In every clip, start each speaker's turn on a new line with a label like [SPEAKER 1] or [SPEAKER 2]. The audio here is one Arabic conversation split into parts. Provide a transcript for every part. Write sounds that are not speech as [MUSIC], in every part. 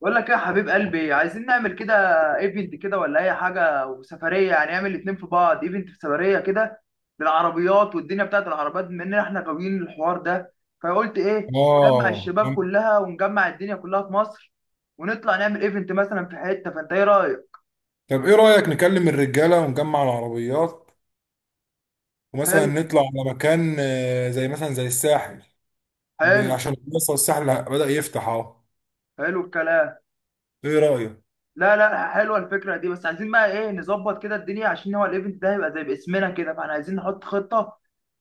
[SPEAKER 1] بقول لك إيه يا حبيب قلبي، عايزين نعمل كده ايفنت كده ولا اي حاجه وسفريه، يعني نعمل الاتنين في بعض، ايفنت في سفريه كده للعربيات والدنيا بتاعت العربيات، بما ان احنا غاويين الحوار ده. فقلت ايه؟ نجمع
[SPEAKER 2] اه،
[SPEAKER 1] الشباب كلها ونجمع الدنيا كلها في مصر ونطلع نعمل ايفنت مثلا في حته. فانت ايه رايك؟
[SPEAKER 2] طب ايه رأيك نكلم الرجالة ونجمع العربيات، ومثلا
[SPEAKER 1] حلو.
[SPEAKER 2] نطلع على مكان زي مثلا زي الساحل.
[SPEAKER 1] حلو.
[SPEAKER 2] عشان لسه الساحل بدأ يفتح اهو.
[SPEAKER 1] حلو الكلام.
[SPEAKER 2] ايه رأيك؟
[SPEAKER 1] لا لا، حلوه الفكره دي، بس عايزين بقى ايه نظبط كده الدنيا، عشان هو الايفنت ده هيبقى زي باسمنا كده، فاحنا عايزين نحط خطه.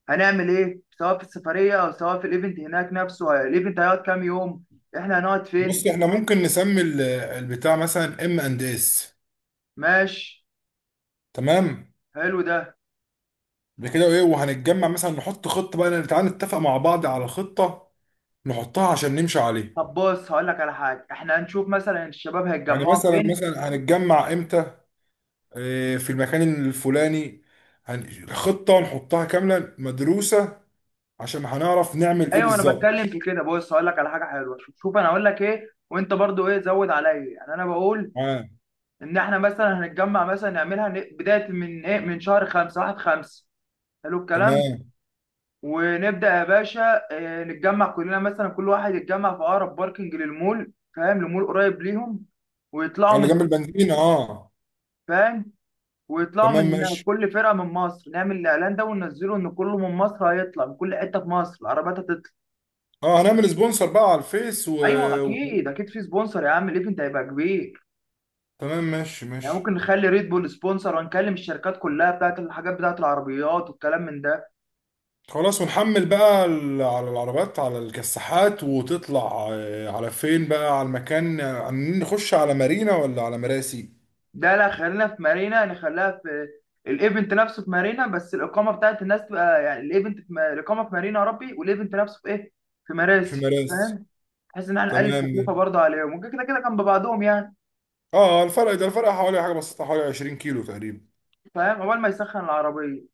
[SPEAKER 1] هنعمل ايه سواء في السفريه او سواء في الايفنت هناك نفسه؟ الايفنت هيقعد كام يوم؟ احنا هنقعد
[SPEAKER 2] بص،
[SPEAKER 1] فين؟
[SPEAKER 2] احنا ممكن نسمي البتاع مثلا ام اند اس.
[SPEAKER 1] ماشي.
[SPEAKER 2] تمام.
[SPEAKER 1] حلو ده.
[SPEAKER 2] بكده ايه، وهنتجمع مثلا، نحط خطة بقى. تعالى نتفق مع بعض على خطة نحطها عشان نمشي عليها.
[SPEAKER 1] طب بص هقول لك على حاجه، احنا هنشوف مثلا الشباب
[SPEAKER 2] يعني
[SPEAKER 1] هيتجمعوا
[SPEAKER 2] مثلا
[SPEAKER 1] فين.
[SPEAKER 2] مثلا هنتجمع امتى. في المكان الفلاني. خطة نحطها كاملة مدروسة عشان هنعرف نعمل ايه
[SPEAKER 1] ايوه انا
[SPEAKER 2] بالظبط.
[SPEAKER 1] بتكلم في كده، بص هقول لك على حاجه حلوه. شوف شوف، انا هقول لك ايه وانت برضو ايه زود عليا، يعني انا بقول
[SPEAKER 2] اه،
[SPEAKER 1] ان احنا مثلا هنتجمع، مثلا نعملها بدايه من ايه، من شهر 5، 1/5. حلو الكلام.
[SPEAKER 2] تمام.
[SPEAKER 1] ونبدأ يا باشا. نتجمع كلنا، مثلا كل واحد يتجمع في أقرب باركنج للمول، فاهم؟ لمول قريب ليهم
[SPEAKER 2] اه،
[SPEAKER 1] ويطلعوا
[SPEAKER 2] اللي
[SPEAKER 1] من
[SPEAKER 2] جنب
[SPEAKER 1] هناك،
[SPEAKER 2] البنزينة. اه،
[SPEAKER 1] فاهم؟ ويطلعوا من
[SPEAKER 2] تمام
[SPEAKER 1] هناك،
[SPEAKER 2] ماشي.
[SPEAKER 1] كل فرقة من مصر. نعمل الإعلان ده وننزله إن كله من مصر هيطلع، من كل حتة في مصر العربيات هتطلع.
[SPEAKER 2] اه، هنعمل سبونسر بقى على الفيس و...
[SPEAKER 1] أيوه، أكيد
[SPEAKER 2] وخلاص.
[SPEAKER 1] أكيد في سبونسر يا عم، الإيفنت هيبقى كبير.
[SPEAKER 2] تمام ماشي
[SPEAKER 1] يعني ممكن
[SPEAKER 2] ماشي.
[SPEAKER 1] نخلي ريد بول سبونسر ونكلم الشركات كلها بتاعت الحاجات بتاعت العربيات والكلام من ده.
[SPEAKER 2] خلاص، ونحمل بقى على العربات على الكساحات، وتطلع على فين بقى؟ على المكان عاملين نخش على مارينا ولا على مراسي؟
[SPEAKER 1] ده لا، خلينا في مارينا، نخليها في الايفنت نفسه في مارينا، بس الاقامه بتاعت الناس تبقى، يعني الايفنت في الاقامه في مارينا يا ربي، والايفنت نفسه في ايه، في
[SPEAKER 2] في
[SPEAKER 1] مراسي،
[SPEAKER 2] مراسي.
[SPEAKER 1] فاهم؟ بحيث ان احنا نقلل
[SPEAKER 2] تمام
[SPEAKER 1] التكلفه
[SPEAKER 2] ماشي.
[SPEAKER 1] برضه عليهم، ممكن كده كده جنب بعضهم يعني.
[SPEAKER 2] اه، الفرق حوالي حاجة بسيطة، حوالي 20 كيلو تقريبا.
[SPEAKER 1] فاهم؟ اول ما يسخن العربيه.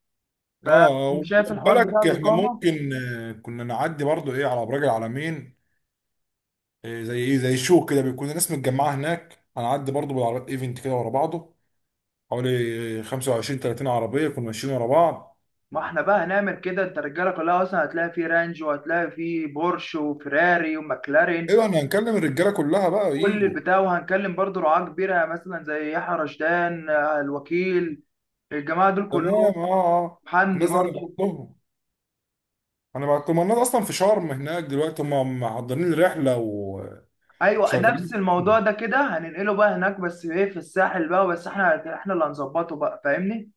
[SPEAKER 2] اه،
[SPEAKER 1] فشايف
[SPEAKER 2] وخد
[SPEAKER 1] الحوار بتاع
[SPEAKER 2] بالك احنا
[SPEAKER 1] الاقامه؟
[SPEAKER 2] ممكن كنا نعدي برضو ايه على ابراج العلمين. إيه؟ زي شو كده بيكون الناس متجمعه هناك، هنعدي برضو بالعربيات ايفنت كده ورا بعضه، حوالي 25 30 عربيه يكونوا ماشيين ورا بعض.
[SPEAKER 1] ما احنا بقى هنعمل كده، انت الرجاله كلها اصلا هتلاقي فيه رانج وهتلاقي فيه بورش وفيراري وماكلارين،
[SPEAKER 2] ايوه، احنا هنكلم الرجاله كلها بقى
[SPEAKER 1] كل
[SPEAKER 2] يجوا.
[SPEAKER 1] البتاع. وهنكلم برضه رعاة كبيره، يعني مثلا زي يحيى رشدان، الوكيل، الجماعه دول كلهم.
[SPEAKER 2] تمام. اه اه،
[SPEAKER 1] حمدي
[SPEAKER 2] الناس دي هنبعت
[SPEAKER 1] برضو.
[SPEAKER 2] لهم هنبعت لهم الناس اصلا في شرم هناك دلوقتي، هم محضرين الرحله
[SPEAKER 1] ايوه نفس
[SPEAKER 2] وشغالين
[SPEAKER 1] الموضوع
[SPEAKER 2] فيهم.
[SPEAKER 1] ده كده هننقله بقى هناك، بس ايه في الساحل بقى، بس احنا اللي هنظبطه بقى، فاهمني؟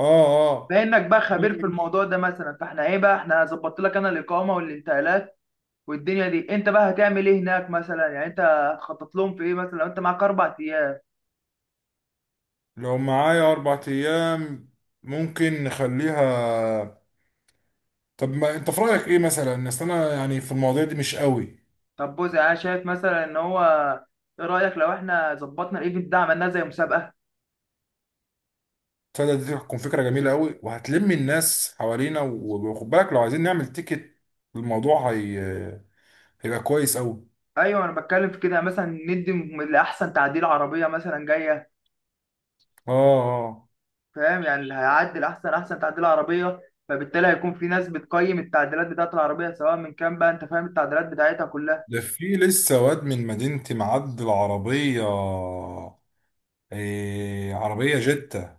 [SPEAKER 2] اه اه،
[SPEAKER 1] فانك بقى خبير في الموضوع ده مثلا، فاحنا ايه بقى، احنا ظبطت لك انا الاقامه والانتقالات والدنيا دي، انت بقى هتعمل ايه هناك مثلا؟ يعني انت هتخطط لهم في ايه مثلا لو انت معاك 4 ايام؟
[SPEAKER 2] لو معايا اربع ايام، ممكن نخليها. طب ما انت في رايك ايه مثلا الناس؟ انا يعني في المواضيع دي مش قوي.
[SPEAKER 1] طب بص، يعني انا شايف مثلا ان هو، ايه رايك لو احنا ظبطنا الايفنت ده عملناه زي مسابقه؟
[SPEAKER 2] تصدق دي تكون فكرة جميلة قوي، وهتلم الناس حوالينا. وخد بالك، لو عايزين نعمل تيكت الموضوع هيبقى كويس قوي.
[SPEAKER 1] ايوه انا بتكلم في كده. مثلا ندي لاحسن تعديل عربيه مثلا جايه،
[SPEAKER 2] اه اه،
[SPEAKER 1] فاهم؟ يعني اللي هيعدل احسن تعديل عربيه، فبالتالي هيكون في ناس بتقيم التعديلات بتاعت العربيه سواء من كام بقى، انت فاهم التعديلات بتاعتها كلها.
[SPEAKER 2] ده في لسه واد من مدينتي معدل عربية. إيه؟ عربية جتة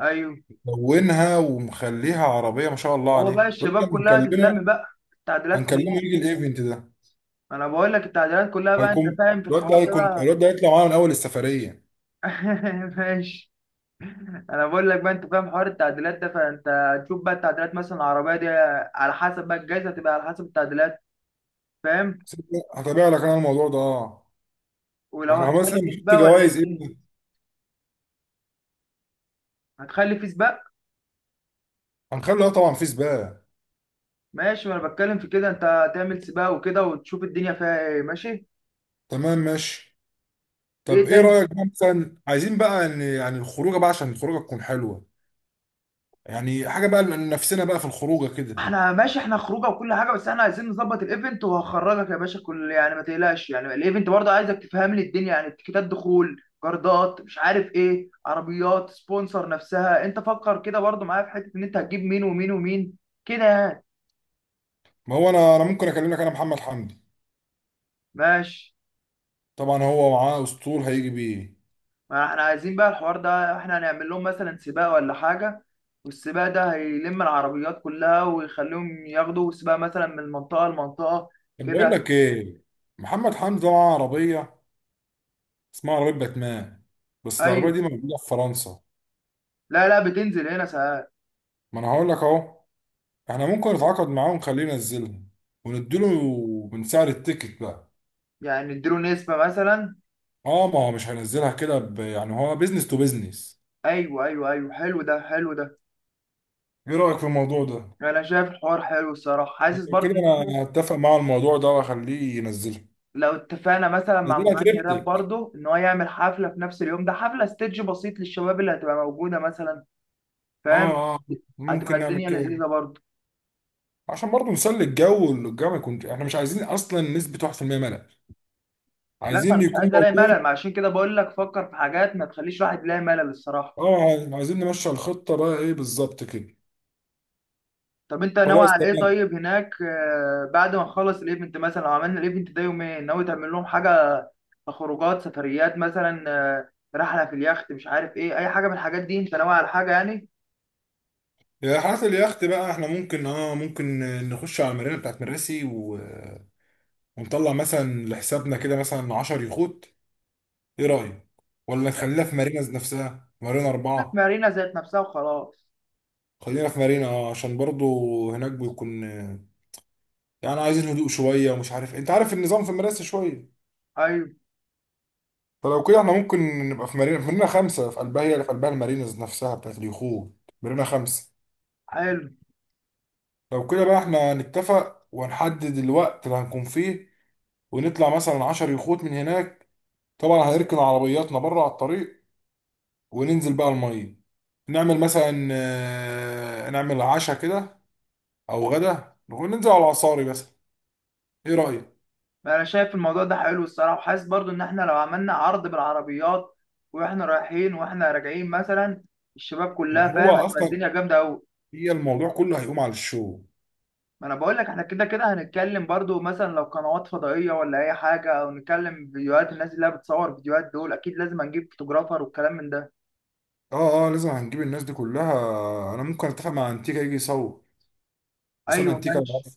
[SPEAKER 1] ايوه.
[SPEAKER 2] لونها ومخليها عربية، ما شاء الله
[SPEAKER 1] هو
[SPEAKER 2] عليه.
[SPEAKER 1] بقى
[SPEAKER 2] الواد ده
[SPEAKER 1] الشباب كلها
[SPEAKER 2] بنكلمه،
[SPEAKER 1] تتلم بقى، التعديلات
[SPEAKER 2] هنكلمه
[SPEAKER 1] كلها.
[SPEAKER 2] يجي الايفنت ده.
[SPEAKER 1] انا بقول لك التعديلات كلها بقى، انت
[SPEAKER 2] هيكون
[SPEAKER 1] فاهم في
[SPEAKER 2] الواد ده
[SPEAKER 1] الحوار ده
[SPEAKER 2] هيكون
[SPEAKER 1] بقى.
[SPEAKER 2] الواد ده هيطلع معانا من أول السفرية.
[SPEAKER 1] [LAUGHS] ماشي. انا بقول لك بقى، انت فاهم حوار التعديلات ده، فانت هتشوف بقى التعديلات، مثلا العربيه دي على حسب بقى، الجائزه هتبقى على حسب التعديلات، فاهم؟
[SPEAKER 2] هتابع لك أنا الموضوع ده. اه،
[SPEAKER 1] ولو
[SPEAKER 2] احنا مثلا
[SPEAKER 1] هتخلي فيس
[SPEAKER 2] نحط
[SPEAKER 1] بقى ولا ايه
[SPEAKER 2] جوائز
[SPEAKER 1] الدنيا؟
[SPEAKER 2] ايه؟
[SPEAKER 1] هتخلي فيس بقى.
[SPEAKER 2] هنخلي طبعا في سباق.
[SPEAKER 1] ماشي. وانا بتكلم في كده، انت تعمل سباق وكده وتشوف الدنيا فيها ايه. ماشي.
[SPEAKER 2] تمام ماشي. طب
[SPEAKER 1] ايه
[SPEAKER 2] ايه
[SPEAKER 1] تاني؟
[SPEAKER 2] رايك بقى، مثلا عايزين بقى ان يعني الخروجه بقى، عشان الخروجه تكون حلوه. يعني حاجه بقى لنفسنا بقى في الخروجه كده.
[SPEAKER 1] احنا ماشي، احنا خروجه وكل حاجه، بس احنا عايزين نظبط الايفنت وهخرجك يا باشا، كل يعني ما تقلقش، يعني الايفنت برضه عايزك تفهم لي الدنيا، يعني تيكيتات دخول، جردات، مش عارف ايه، عربيات سبونسر نفسها انت فكر كده برضه معايا في حته، ان انت هتجيب مين ومين ومين كده يعني.
[SPEAKER 2] ما هو انا ممكن اكلمك انا محمد حمدي.
[SPEAKER 1] ماشي.
[SPEAKER 2] طبعا هو معاه اسطول هيجي بيه.
[SPEAKER 1] ما احنا عايزين بقى الحوار ده، احنا هنعمل لهم مثلا سباق ولا حاجة، والسباق ده هيلم العربيات كلها ويخليهم ياخدوا سباق مثلا من منطقة لمنطقة
[SPEAKER 2] طب بقول
[SPEAKER 1] كده.
[SPEAKER 2] لك ايه، محمد حمدي ده معاه عربيه، اسمها عربيه باتمان، بس
[SPEAKER 1] ايوه.
[SPEAKER 2] العربيه دي موجوده في فرنسا.
[SPEAKER 1] لا لا، بتنزل هنا ساعات.
[SPEAKER 2] ما انا هقول لك اهو. احنا ممكن نتعاقد معاه ونخليه ينزلها، ونديله من سعر التيكت بقى.
[SPEAKER 1] يعني اديله نسبة مثلا.
[SPEAKER 2] اه، ما هو مش هينزلها كده، يعني هو بيزنس تو بيزنس.
[SPEAKER 1] ايوه ايوه ايوه، حلو ده حلو ده.
[SPEAKER 2] ايه رايك في الموضوع ده؟
[SPEAKER 1] انا شايف الحوار حلو الصراحة، حاسس
[SPEAKER 2] كده
[SPEAKER 1] برضه إن،
[SPEAKER 2] انا اتفق مع الموضوع ده، واخليه ينزلها.
[SPEAKER 1] لو اتفقنا مثلا مع
[SPEAKER 2] نزلها
[SPEAKER 1] مغني راب
[SPEAKER 2] تريبتك.
[SPEAKER 1] برضه ان هو يعمل حفلة في نفس اليوم ده، حفلة ستيدج بسيط للشباب اللي هتبقى موجودة مثلا،
[SPEAKER 2] اه
[SPEAKER 1] فاهم؟
[SPEAKER 2] اه،
[SPEAKER 1] هتبقى
[SPEAKER 2] ممكن نعمل
[SPEAKER 1] الدنيا
[SPEAKER 2] كده
[SPEAKER 1] لذيذة برضه.
[SPEAKER 2] عشان برضه نسلي الجو، والجو ما يكونش احنا مش عايزين اصلا نسبة 1% ملل.
[SPEAKER 1] لا، ما
[SPEAKER 2] عايزين
[SPEAKER 1] انا
[SPEAKER 2] اللي
[SPEAKER 1] مش
[SPEAKER 2] يكون
[SPEAKER 1] عايز الاقي
[SPEAKER 2] موجود.
[SPEAKER 1] ملل، ما عشان كده بقول لك فكر في حاجات ما تخليش الواحد يلاقي ملل الصراحه.
[SPEAKER 2] اه، عايزين نمشي الخطة بقى ايه بالظبط كده؟
[SPEAKER 1] طب انت ناوي
[SPEAKER 2] خلاص
[SPEAKER 1] على ايه
[SPEAKER 2] تمام.
[SPEAKER 1] طيب هناك؟ بعد ما نخلص الايفنت، مثلا لو عملنا الايفنت ده يومين، ناوي تعمل لهم حاجه؟ خروجات، سفريات مثلا، رحله في اليخت، مش عارف ايه، اي حاجه من الحاجات دي؟ انت ناوي على حاجه يعني؟
[SPEAKER 2] يا حالة اليخت بقى، احنا ممكن نخش على المارينا بتاعت مراسي و... ونطلع مثلا لحسابنا كده مثلا 10 يخوت. ايه رأيك؟ ولا نخليها في مارينا نفسها، مارينا
[SPEAKER 1] لا، في
[SPEAKER 2] أربعة.
[SPEAKER 1] مارينا ذات نفسها وخلاص.
[SPEAKER 2] خلينا في مارينا عشان برضو هناك بيكون يعني عايزين هدوء شوية، ومش عارف انت عارف النظام في مراسي شوية.
[SPEAKER 1] ايوه.
[SPEAKER 2] فلو كده احنا ممكن نبقى في مارينا خمسة، في قلبها، هي اللي في قلبها المارينز نفسها بتاعت اليخوت. مارينا خمسة.
[SPEAKER 1] حلو.
[SPEAKER 2] لو كده بقى، احنا نتفق ونحدد الوقت اللي هنكون فيه، ونطلع مثلا عشر يخوت من هناك. طبعا هنركن عربياتنا بره على الطريق، وننزل بقى المية. نعمل مثلا نعمل عشاء كده، او غدا، وننزل على العصاري مثلا. ايه رأيك؟
[SPEAKER 1] انا شايف الموضوع ده حلو الصراحه، وحاسس برضو ان احنا لو عملنا عرض بالعربيات، واحنا رايحين واحنا راجعين مثلا، الشباب كلها
[SPEAKER 2] ما هو
[SPEAKER 1] فاهم، هتبقى
[SPEAKER 2] اصلا
[SPEAKER 1] الدنيا جامده قوي.
[SPEAKER 2] هي الموضوع كله هيقوم على الشو.
[SPEAKER 1] ما انا بقول لك، احنا كده كده هنتكلم برضو مثلا لو قنوات فضائيه ولا اي حاجه، او نتكلم فيديوهات الناس اللي هي بتصور فيديوهات دول، اكيد لازم هنجيب فوتوغرافر والكلام من ده.
[SPEAKER 2] اه اه، لازم هنجيب الناس دي كلها. انا ممكن اتفق مع انتيكا يجي يصور. اسامه
[SPEAKER 1] ايوه،
[SPEAKER 2] انتيكا انا
[SPEAKER 1] ماشي.
[SPEAKER 2] عارف.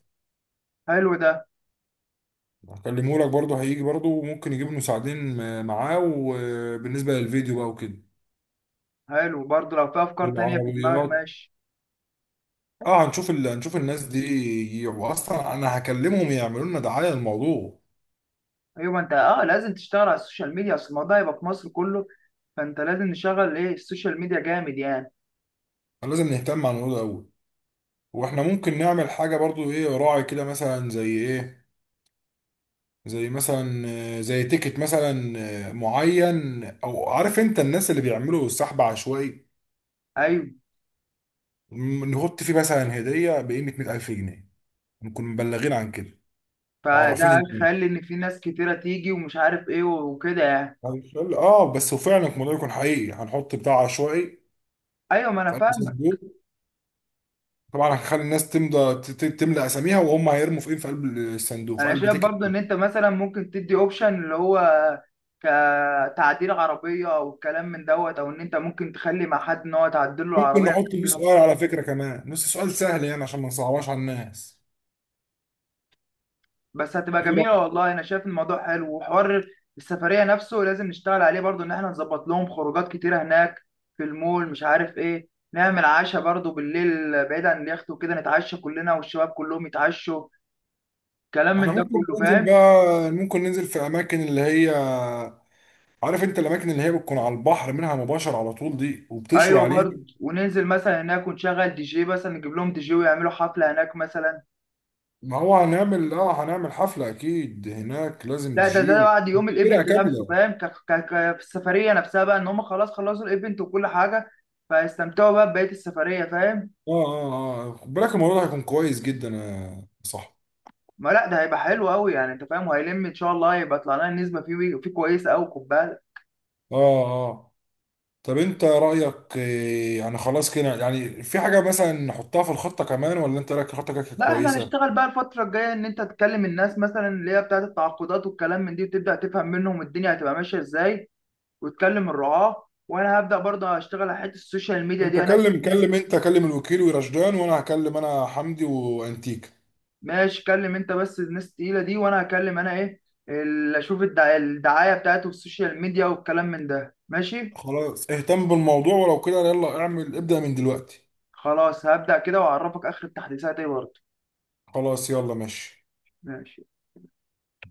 [SPEAKER 1] حلو ده.
[SPEAKER 2] هكلمه لك برضه، هيجي برضه، وممكن يجيب مساعدين معاه. وبالنسبه للفيديو بقى وكده،
[SPEAKER 1] حلو برضو، لو في افكار تانية في دماغك.
[SPEAKER 2] والعربيات.
[SPEAKER 1] ماشي.
[SPEAKER 2] اه، هنشوف هنشوف الناس دي يجي. واصلا انا هكلمهم يعملوا لنا دعايه للموضوع.
[SPEAKER 1] ايوه ما انت اه، لازم تشتغل على السوشيال ميديا، اصل الموضوع هيبقى في مصر كله، فانت لازم نشغل ايه السوشيال ميديا جامد يعني.
[SPEAKER 2] فلازم نهتم على الموضوع ده قوي. واحنا ممكن نعمل حاجه برضه ايه، راعي كده مثلا، زي ايه، زي مثلا زي تيكت مثلا معين. او عارف انت الناس اللي بيعملوا سحب عشوائي؟
[SPEAKER 1] ايوه.
[SPEAKER 2] نحط فيه مثلا هديه بقيمه 100,000 جنيه، نكون مبلغين عن كده، معرفين
[SPEAKER 1] فده
[SPEAKER 2] ان إيه.
[SPEAKER 1] هيخلي ان في ناس كتيره تيجي ومش عارف ايه وكده يعني.
[SPEAKER 2] اه، بس وفعلا الموضوع يكون حقيقي. هنحط بتاع عشوائي
[SPEAKER 1] ايوه ما انا
[SPEAKER 2] في قلب
[SPEAKER 1] فاهم.
[SPEAKER 2] صندوق. طبعا هنخلي الناس تمضى، تملى اساميها، وهم هيرموا في ايه، في قلب الصندوق، في
[SPEAKER 1] انا
[SPEAKER 2] قلب
[SPEAKER 1] شايف
[SPEAKER 2] تيكت.
[SPEAKER 1] برضو ان انت مثلا ممكن تدي اوبشن اللي هو، كتعديل عربيه او الكلام من دوت، او ان انت ممكن تخلي مع حد ان هو تعدل له
[SPEAKER 2] ممكن
[SPEAKER 1] العربيه
[SPEAKER 2] نحط فيه
[SPEAKER 1] كامله.
[SPEAKER 2] سؤال على فكره، كمان نص سؤال سهل يعني عشان ما نصعبهاش على الناس.
[SPEAKER 1] بس هتبقى جميله والله. انا شايف الموضوع حلو وحوار. السفريه نفسه لازم نشتغل عليه برضو، ان احنا نظبط لهم خروجات كتيره هناك في المول، مش عارف ايه، نعمل عشاء برضو بالليل بعيد عن اليخت وكده، نتعشى كلنا والشباب كلهم يتعشوا، كلام
[SPEAKER 2] احنا
[SPEAKER 1] من ده
[SPEAKER 2] ممكن
[SPEAKER 1] كله،
[SPEAKER 2] ننزل
[SPEAKER 1] فاهم؟
[SPEAKER 2] بقى، ممكن ننزل في اماكن اللي هي، عارف انت الاماكن اللي هي بتكون على البحر منها مباشر على طول دي، وبتشوي
[SPEAKER 1] ايوه
[SPEAKER 2] عليها.
[SPEAKER 1] برضه، وننزل مثلا هناك ونشغل دي جي مثلا، نجيب لهم دي جي ويعملوا حفله هناك مثلا.
[SPEAKER 2] ما هو هنعمل، هنعمل حفلة اكيد هناك. لازم
[SPEAKER 1] لا، ده
[SPEAKER 2] تجي
[SPEAKER 1] ده بعد يوم
[SPEAKER 2] فرقة
[SPEAKER 1] الايفنت نفسه
[SPEAKER 2] كاملة.
[SPEAKER 1] فاهم. في السفريه نفسها بقى، ان هم خلاص خلصوا الايفنت وكل حاجه، فيستمتعوا بقى ببقيه السفريه، فاهم؟
[SPEAKER 2] اه اه اه، خد بالك الموضوع ده هيكون كويس جدا يا صح.
[SPEAKER 1] ما لا، ده هيبقى حلو قوي، يعني انت فاهم، وهيلم ان شاء الله، هيبقى طلع لنا النسبه فيه كويسه قوي، خد بالك.
[SPEAKER 2] اه اه، طب انت رأيك يعني خلاص كده يعني، في حاجة مثلا نحطها في الخطة كمان، ولا انت رأيك الخطة كده
[SPEAKER 1] لا احنا
[SPEAKER 2] كويسة؟
[SPEAKER 1] هنشتغل بقى الفتره الجايه، ان انت تكلم الناس مثلا اللي هي بتاعت التعاقدات والكلام من دي، وتبدا تفهم منهم الدنيا هتبقى ماشيه ازاي، وتكلم الرعاة، وانا هبدأ برضه اشتغل على حتة السوشيال ميديا
[SPEAKER 2] انت
[SPEAKER 1] دي انا.
[SPEAKER 2] كلم
[SPEAKER 1] إيه؟
[SPEAKER 2] كلم انت كلم الوكيل ورشدان، وانا هكلم انا حمدي وانتيكا.
[SPEAKER 1] ماشي. كلم انت بس الناس التقيلة دي، وانا هكلم انا ايه اللي اشوف الدعاية بتاعته في السوشيال ميديا والكلام من ده. ماشي.
[SPEAKER 2] خلاص اهتم بالموضوع، ولو كده يلا اعمل، ابدأ من دلوقتي.
[SPEAKER 1] خلاص هبدأ كده واعرفك اخر التحديثات ايه برضه.
[SPEAKER 2] خلاص يلا ماشي.
[SPEAKER 1] ماشي.